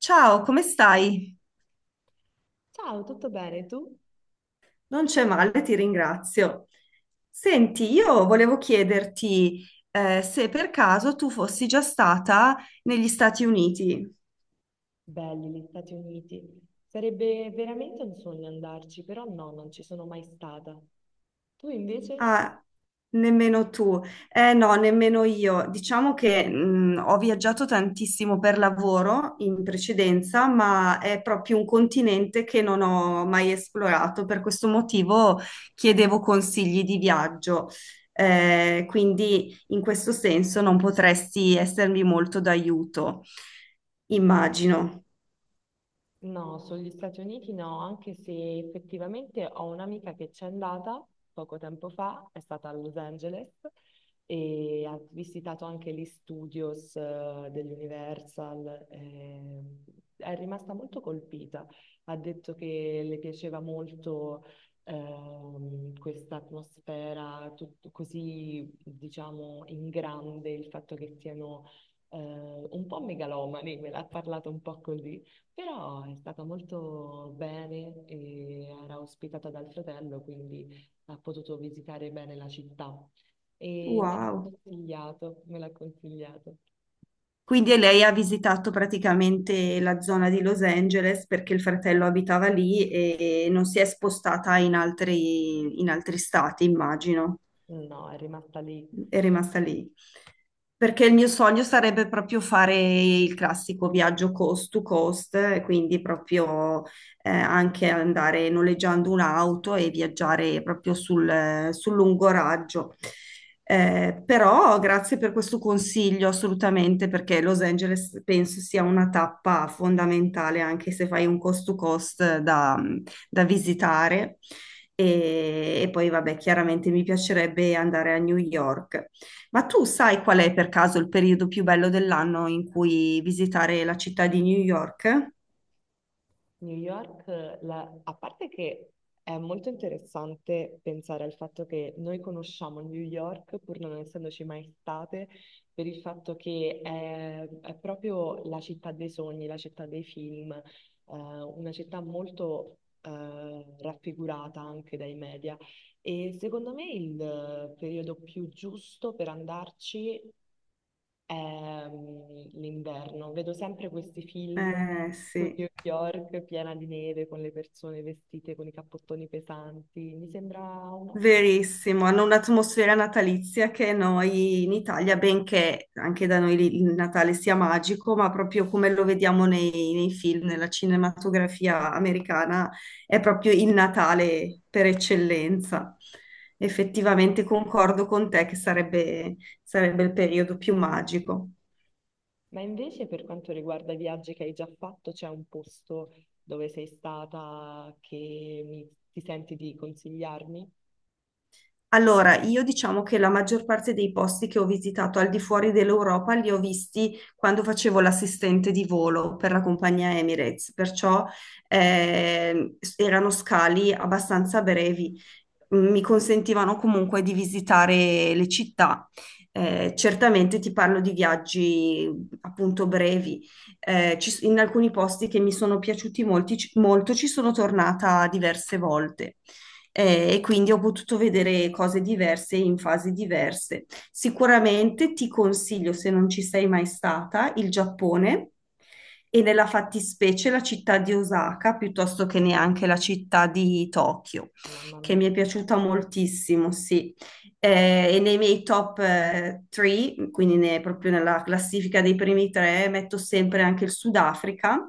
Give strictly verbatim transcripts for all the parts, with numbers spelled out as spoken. Ciao, come stai? Ciao, tutto bene? Tu? Non c'è male, ti ringrazio. Senti, io volevo chiederti eh, se per caso tu fossi già stata negli Stati Uniti. Belli gli Stati Uniti. Sarebbe veramente un sogno andarci, però no, non ci sono mai stata. Tu invece? Ah, nemmeno tu. Eh no, nemmeno io. Diciamo che mh, ho viaggiato tantissimo per lavoro in precedenza, ma è proprio un continente che non ho mai esplorato. Per questo motivo chiedevo consigli di viaggio. Eh, quindi in questo senso non potresti essermi molto d'aiuto, immagino. No, sugli Stati Uniti no, anche se effettivamente ho un'amica che c'è andata poco tempo fa, è stata a Los Angeles e ha visitato anche gli studios eh, dell'Universal. Eh, è rimasta molto colpita. Ha detto che le piaceva molto ehm, questa atmosfera tut- così, diciamo, in grande, il fatto che siano eh, un po' megalomani, me l'ha parlato un po' così, però è stata molto bene e era ospitata dal fratello, quindi ha potuto visitare bene la città. E me l'ha Wow. consigliato, me l'ha consigliato. Quindi lei ha visitato praticamente la zona di Los Angeles perché il fratello abitava lì e non si è spostata in altri, in altri stati, immagino No, è rimasta lì. è rimasta lì. Perché il mio sogno sarebbe proprio fare il classico viaggio coast to coast, eh, quindi proprio eh, anche andare noleggiando un'auto e viaggiare proprio sul, eh, sul lungo raggio. Eh, però grazie per questo consiglio assolutamente, perché Los Angeles penso sia una tappa fondamentale, anche se fai un coast to coast da, da visitare. E, e poi, vabbè, chiaramente mi piacerebbe andare a New York. Ma tu sai qual è per caso il periodo più bello dell'anno in cui visitare la città di New York? New York, la- a parte che è molto interessante pensare al fatto che noi conosciamo New York, pur non essendoci mai state, per il fatto che è, è proprio la città dei sogni, la città dei film, eh, una città molto eh, raffigurata anche dai media. E secondo me il eh, periodo più giusto per andarci ehm, l'inverno. Vedo sempre questi film Eh, su New sì. York piena di neve, con le persone vestite con i cappottoni pesanti. Mi sembra un'ottima. Verissimo, hanno un'atmosfera natalizia che noi in Italia, benché anche da noi lì il Natale sia magico, ma proprio come lo vediamo nei, nei film, nella cinematografia americana, è proprio il Natale per eccellenza. Effettivamente concordo con te che sarebbe, sarebbe il periodo più magico. Ma invece per quanto riguarda i viaggi che hai già fatto, c'è un posto dove sei stata che mi- ti senti di consigliarmi? Allora, io diciamo che la maggior parte dei posti che ho visitato al di fuori dell'Europa li ho visti quando facevo l'assistente di volo per la compagnia Emirates, perciò ehm, erano scali abbastanza brevi. Mm, Mi consentivano comunque di visitare le città. Eh, certamente ti parlo di viaggi appunto brevi. Eh, ci s- in alcuni posti che mi sono piaciuti molti- molto ci sono tornata diverse volte eh, e quindi ho potuto vedere cose diverse in fasi diverse. Sicuramente ti consiglio, se non ci sei mai stata, il Giappone e nella fattispecie la città di Osaka, piuttosto che neanche la città di Tokyo, Mamma che mia, mi che è bello. piaciuta moltissimo, sì. Eh, e nei miei top tre, quindi ne- proprio nella classifica dei primi tre, metto sempre anche il Sudafrica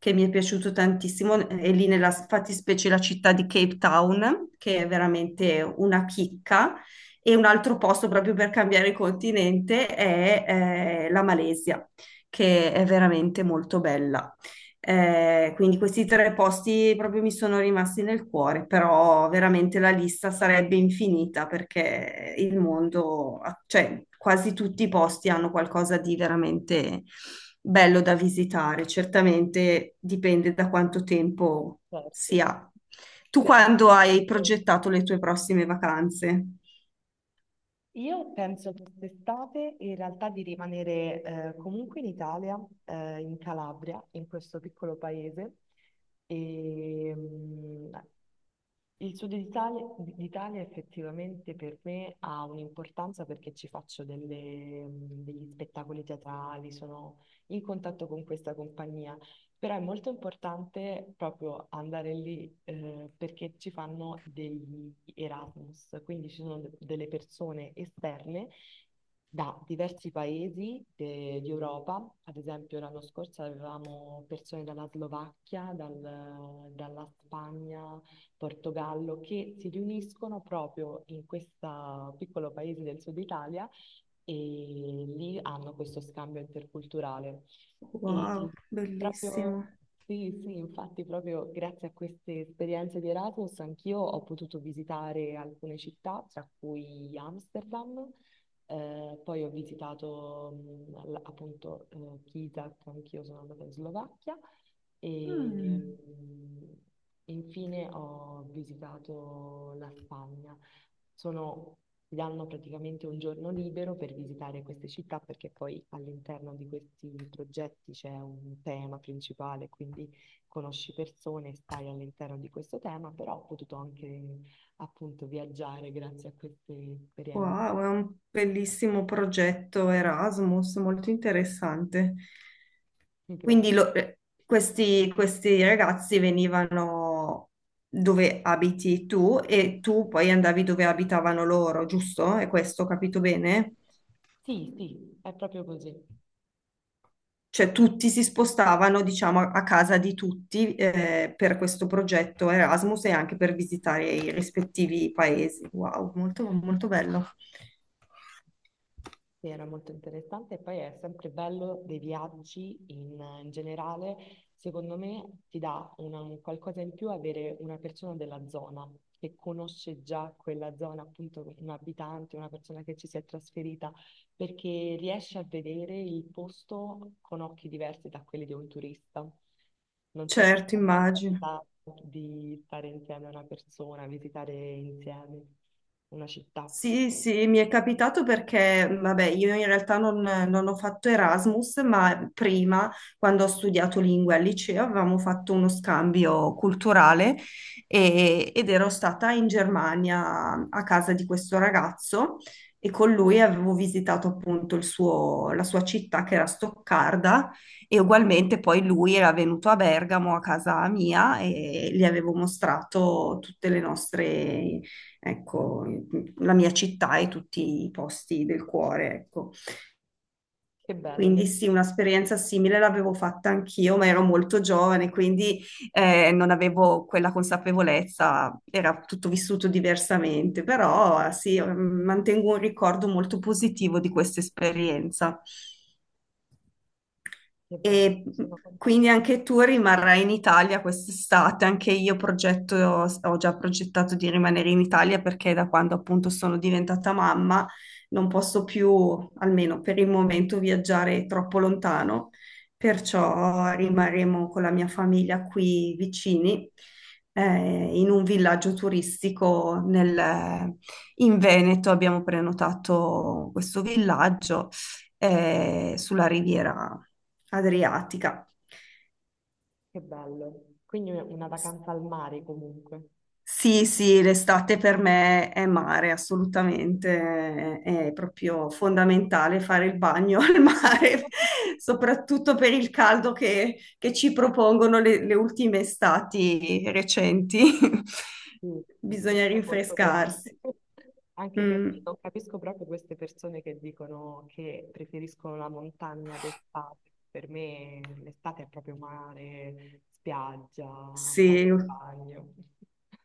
che mi è piaciuto tantissimo, eh, è lì nella fattispecie la città di Cape Town, che è veramente una chicca. E un altro posto proprio per cambiare continente è eh, la Malesia, che è veramente molto bella. Eh, quindi questi tre posti proprio mi sono rimasti nel cuore, però veramente la lista sarebbe infinita perché il mondo, cioè quasi tutti i posti hanno qualcosa di veramente bello da visitare. Certamente dipende da quanto tempo Certo. si ha. Tu Sì, a quando hai disposizione. progettato le tue prossime vacanze? Io penso quest'estate in realtà di rimanere eh, comunque in Italia, eh, in Calabria, in questo piccolo paese, e, mm, il Sud d'Italia d'Italia effettivamente per me ha un'importanza perché ci faccio delle- degli spettacoli teatrali, sono in contatto con questa compagnia, però è molto importante proprio andare lì eh, perché ci fanno degli Erasmus, quindi ci sono de- delle persone esterne da diversi paesi de- di Europa, ad esempio l'anno scorso avevamo persone dalla Slovacchia, dal- dalla Spagna, Portogallo, che si riuniscono proprio in questo piccolo paese del sud Italia e lì hanno questo scambio interculturale. E Wow, proprio, bellissimo. sì, sì, infatti proprio grazie a queste esperienze di Erasmus anch'io ho potuto visitare alcune città, tra cui Amsterdam, eh, poi ho visitato mh, la- appunto eh, Kizak, anch'io sono andata in Slovacchia e, Mm. infine ho visitato la Spagna. Sono, ti danno praticamente un giorno libero per visitare queste città perché poi all'interno di questi progetti c'è un tema principale, quindi conosci persone, stai all'interno di questo tema, però ho potuto anche appunto viaggiare grazie a queste esperienze. Wow, è un bellissimo progetto Erasmus, molto interessante. Quindi Grazie. lo- eh, questi, questi ragazzi venivano dove abiti tu e tu poi andavi dove abitavano loro, giusto? È questo, ho capito bene? Sì, sì, è proprio così. Cioè tutti si spostavano, diciamo, a a casa di tutti eh, per questo progetto Erasmus e anche per visitare i rispettivi paesi. Wow, molto, molto bello. Sì, era molto interessante e poi è sempre bello dei viaggi in, in generale. Secondo me ti dà una- un qualcosa in più avere una persona della zona che conosce già quella zona, appunto un abitante, una persona che ci si è trasferita, perché riesce a vedere il posto con occhi diversi da quelli di un turista. Non so se ti Certo, è mai immagino. capitato di stare insieme a una persona, visitare insieme una città. Sì, sì, mi è capitato perché, vabbè, io in realtà non, non ho fatto Erasmus, ma prima, quando ho studiato lingue al liceo, avevamo fatto uno scambio culturale e- ed ero stata in Germania a casa di questo ragazzo e con lui avevo visitato appunto il suo- la sua città che era Stoccarda e ugualmente poi lui era venuto a Bergamo a casa mia e gli avevo mostrato tutte le nostre ecco, la mia città e tutti i posti del cuore, ecco. Che bello, lì. Quindi sì, un'esperienza simile l'avevo fatta anch'io, ma ero molto giovane, quindi eh, non avevo quella consapevolezza, era tutto vissuto diversamente, però sì, mantengo un ricordo molto positivo di questa esperienza. Che bello, E sono contenta quindi che... anche tu rimarrai in Italia quest'estate, anche io progetto, ho già progettato di rimanere in Italia perché da quando appunto sono diventata mamma non posso più, almeno per il momento, viaggiare troppo lontano, perciò rimarremo con la mia famiglia qui vicini, eh, in un villaggio turistico nel- in Veneto abbiamo prenotato questo villaggio eh, sulla riviera Adriatica. Che bello. Quindi una una S- vacanza al mare comunque. Sì, sì, l'estate per me è mare, assolutamente, è è proprio fondamentale fare il bagno al mare, soprattutto per il caldo che, che ci propongono le, le ultime estati recenti. Sì, Bisogna questo è molto vero. rinfrescarsi. Anche perché Mm, non capisco proprio queste persone che dicono che preferiscono la montagna d'estate. Per me l'estate è proprio mare, spiaggia, fare sì. il bagno.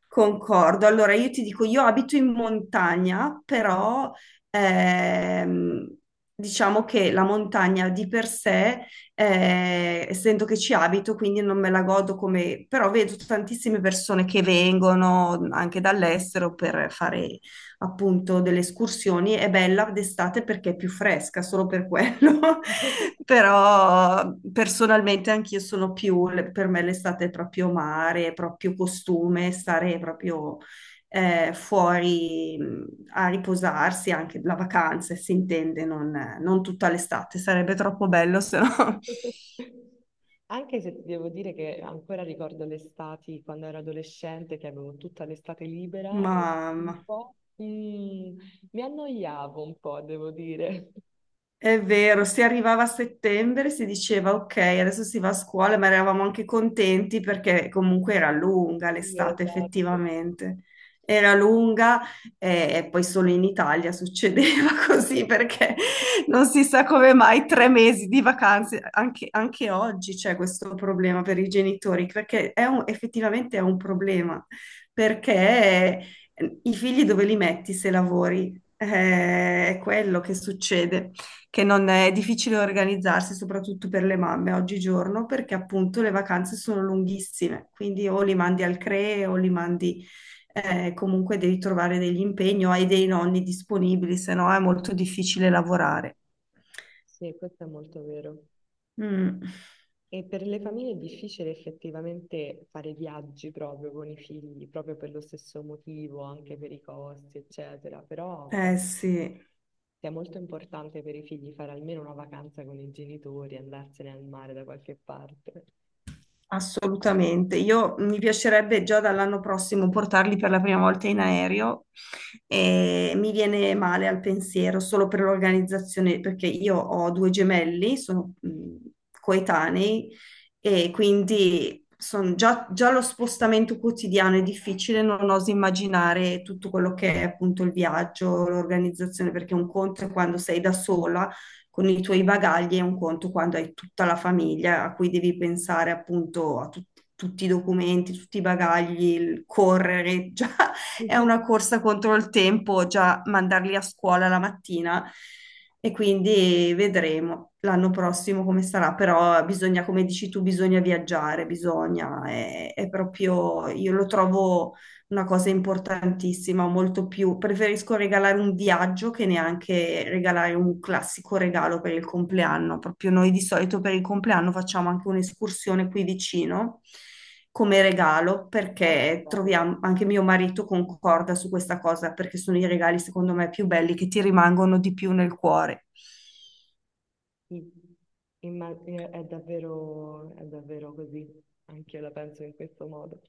Concordo. Allora, io ti dico, io abito in montagna, però ehm, diciamo che la montagna di per sé, eh, essendo che ci abito, quindi non me la godo come, però vedo tantissime persone che vengono anche dall'estero per fare appunto delle escursioni. È bella d'estate perché è più fresca, solo per quello. Però personalmente anch'io sono più, per me l'estate è proprio mare, è proprio costume, stare proprio eh, fuori mh, a riposarsi, anche la vacanza, si intende, non, non tutta l'estate, sarebbe troppo bello se no. Anche se ti devo dire che ancora ricordo l'estate quando ero adolescente, che avevo tutta l'estate libera Ma, e un ma po' mm, mi annoiavo un po', devo dire. È vero, si arrivava a settembre, si diceva ok, adesso si va a scuola, ma eravamo anche contenti perché comunque era lunga Sì, l'estate esatto. effettivamente. Era lunga eh, e, poi solo in Italia succedeva così perché non si sa come mai tre mesi di vacanze, anche, anche oggi c'è questo problema per i genitori, perché è un- effettivamente è un problema, perché eh, i figli dove li metti se lavori? Eh, è quello che succede che non è difficile organizzarsi, soprattutto per le mamme oggigiorno, perché appunto le vacanze sono lunghissime, quindi o li mandi al CRE o li mandi eh, comunque devi trovare degli impegni o hai dei nonni disponibili, se no è molto difficile lavorare. Sì, questo è molto vero. Mm. E per le famiglie è difficile effettivamente fare viaggi proprio con i figli, proprio per lo stesso motivo, anche per i costi, eccetera. Però beh, Eh sì. sia molto importante per i figli fare almeno una vacanza con i genitori, andarsene al mare da qualche parte. Assolutamente, io mi piacerebbe già dall'anno prossimo portarli per la prima volta in aereo e mi viene male al pensiero solo per l'organizzazione, perché io ho due gemelli, sono mh, coetanei e quindi son- già, già lo spostamento quotidiano è difficile, non oso immaginare tutto quello che è appunto il viaggio, l'organizzazione, perché un conto è quando sei da sola con i tuoi bagagli è un conto quando hai tutta la famiglia a cui devi pensare appunto a tut- tutti i documenti, tutti i bagagli, il correre, già è una corsa contro il tempo, già mandarli a scuola la mattina e quindi vedremo l'anno prossimo come sarà, però bisogna, come dici tu, bisogna viaggiare, bisogna, è, è proprio, io lo trovo una cosa importantissima, molto più. Preferisco regalare un viaggio che neanche regalare un classico regalo per il compleanno. Proprio noi di solito per il compleanno facciamo anche un'escursione qui vicino come regalo, Beh, che perché bello. troviamo, anche mio marito concorda su questa cosa, perché sono i regali secondo me più belli che ti rimangono di più nel cuore. Mm. Imma- è è davvero, è davvero così, anche io la penso in questo modo.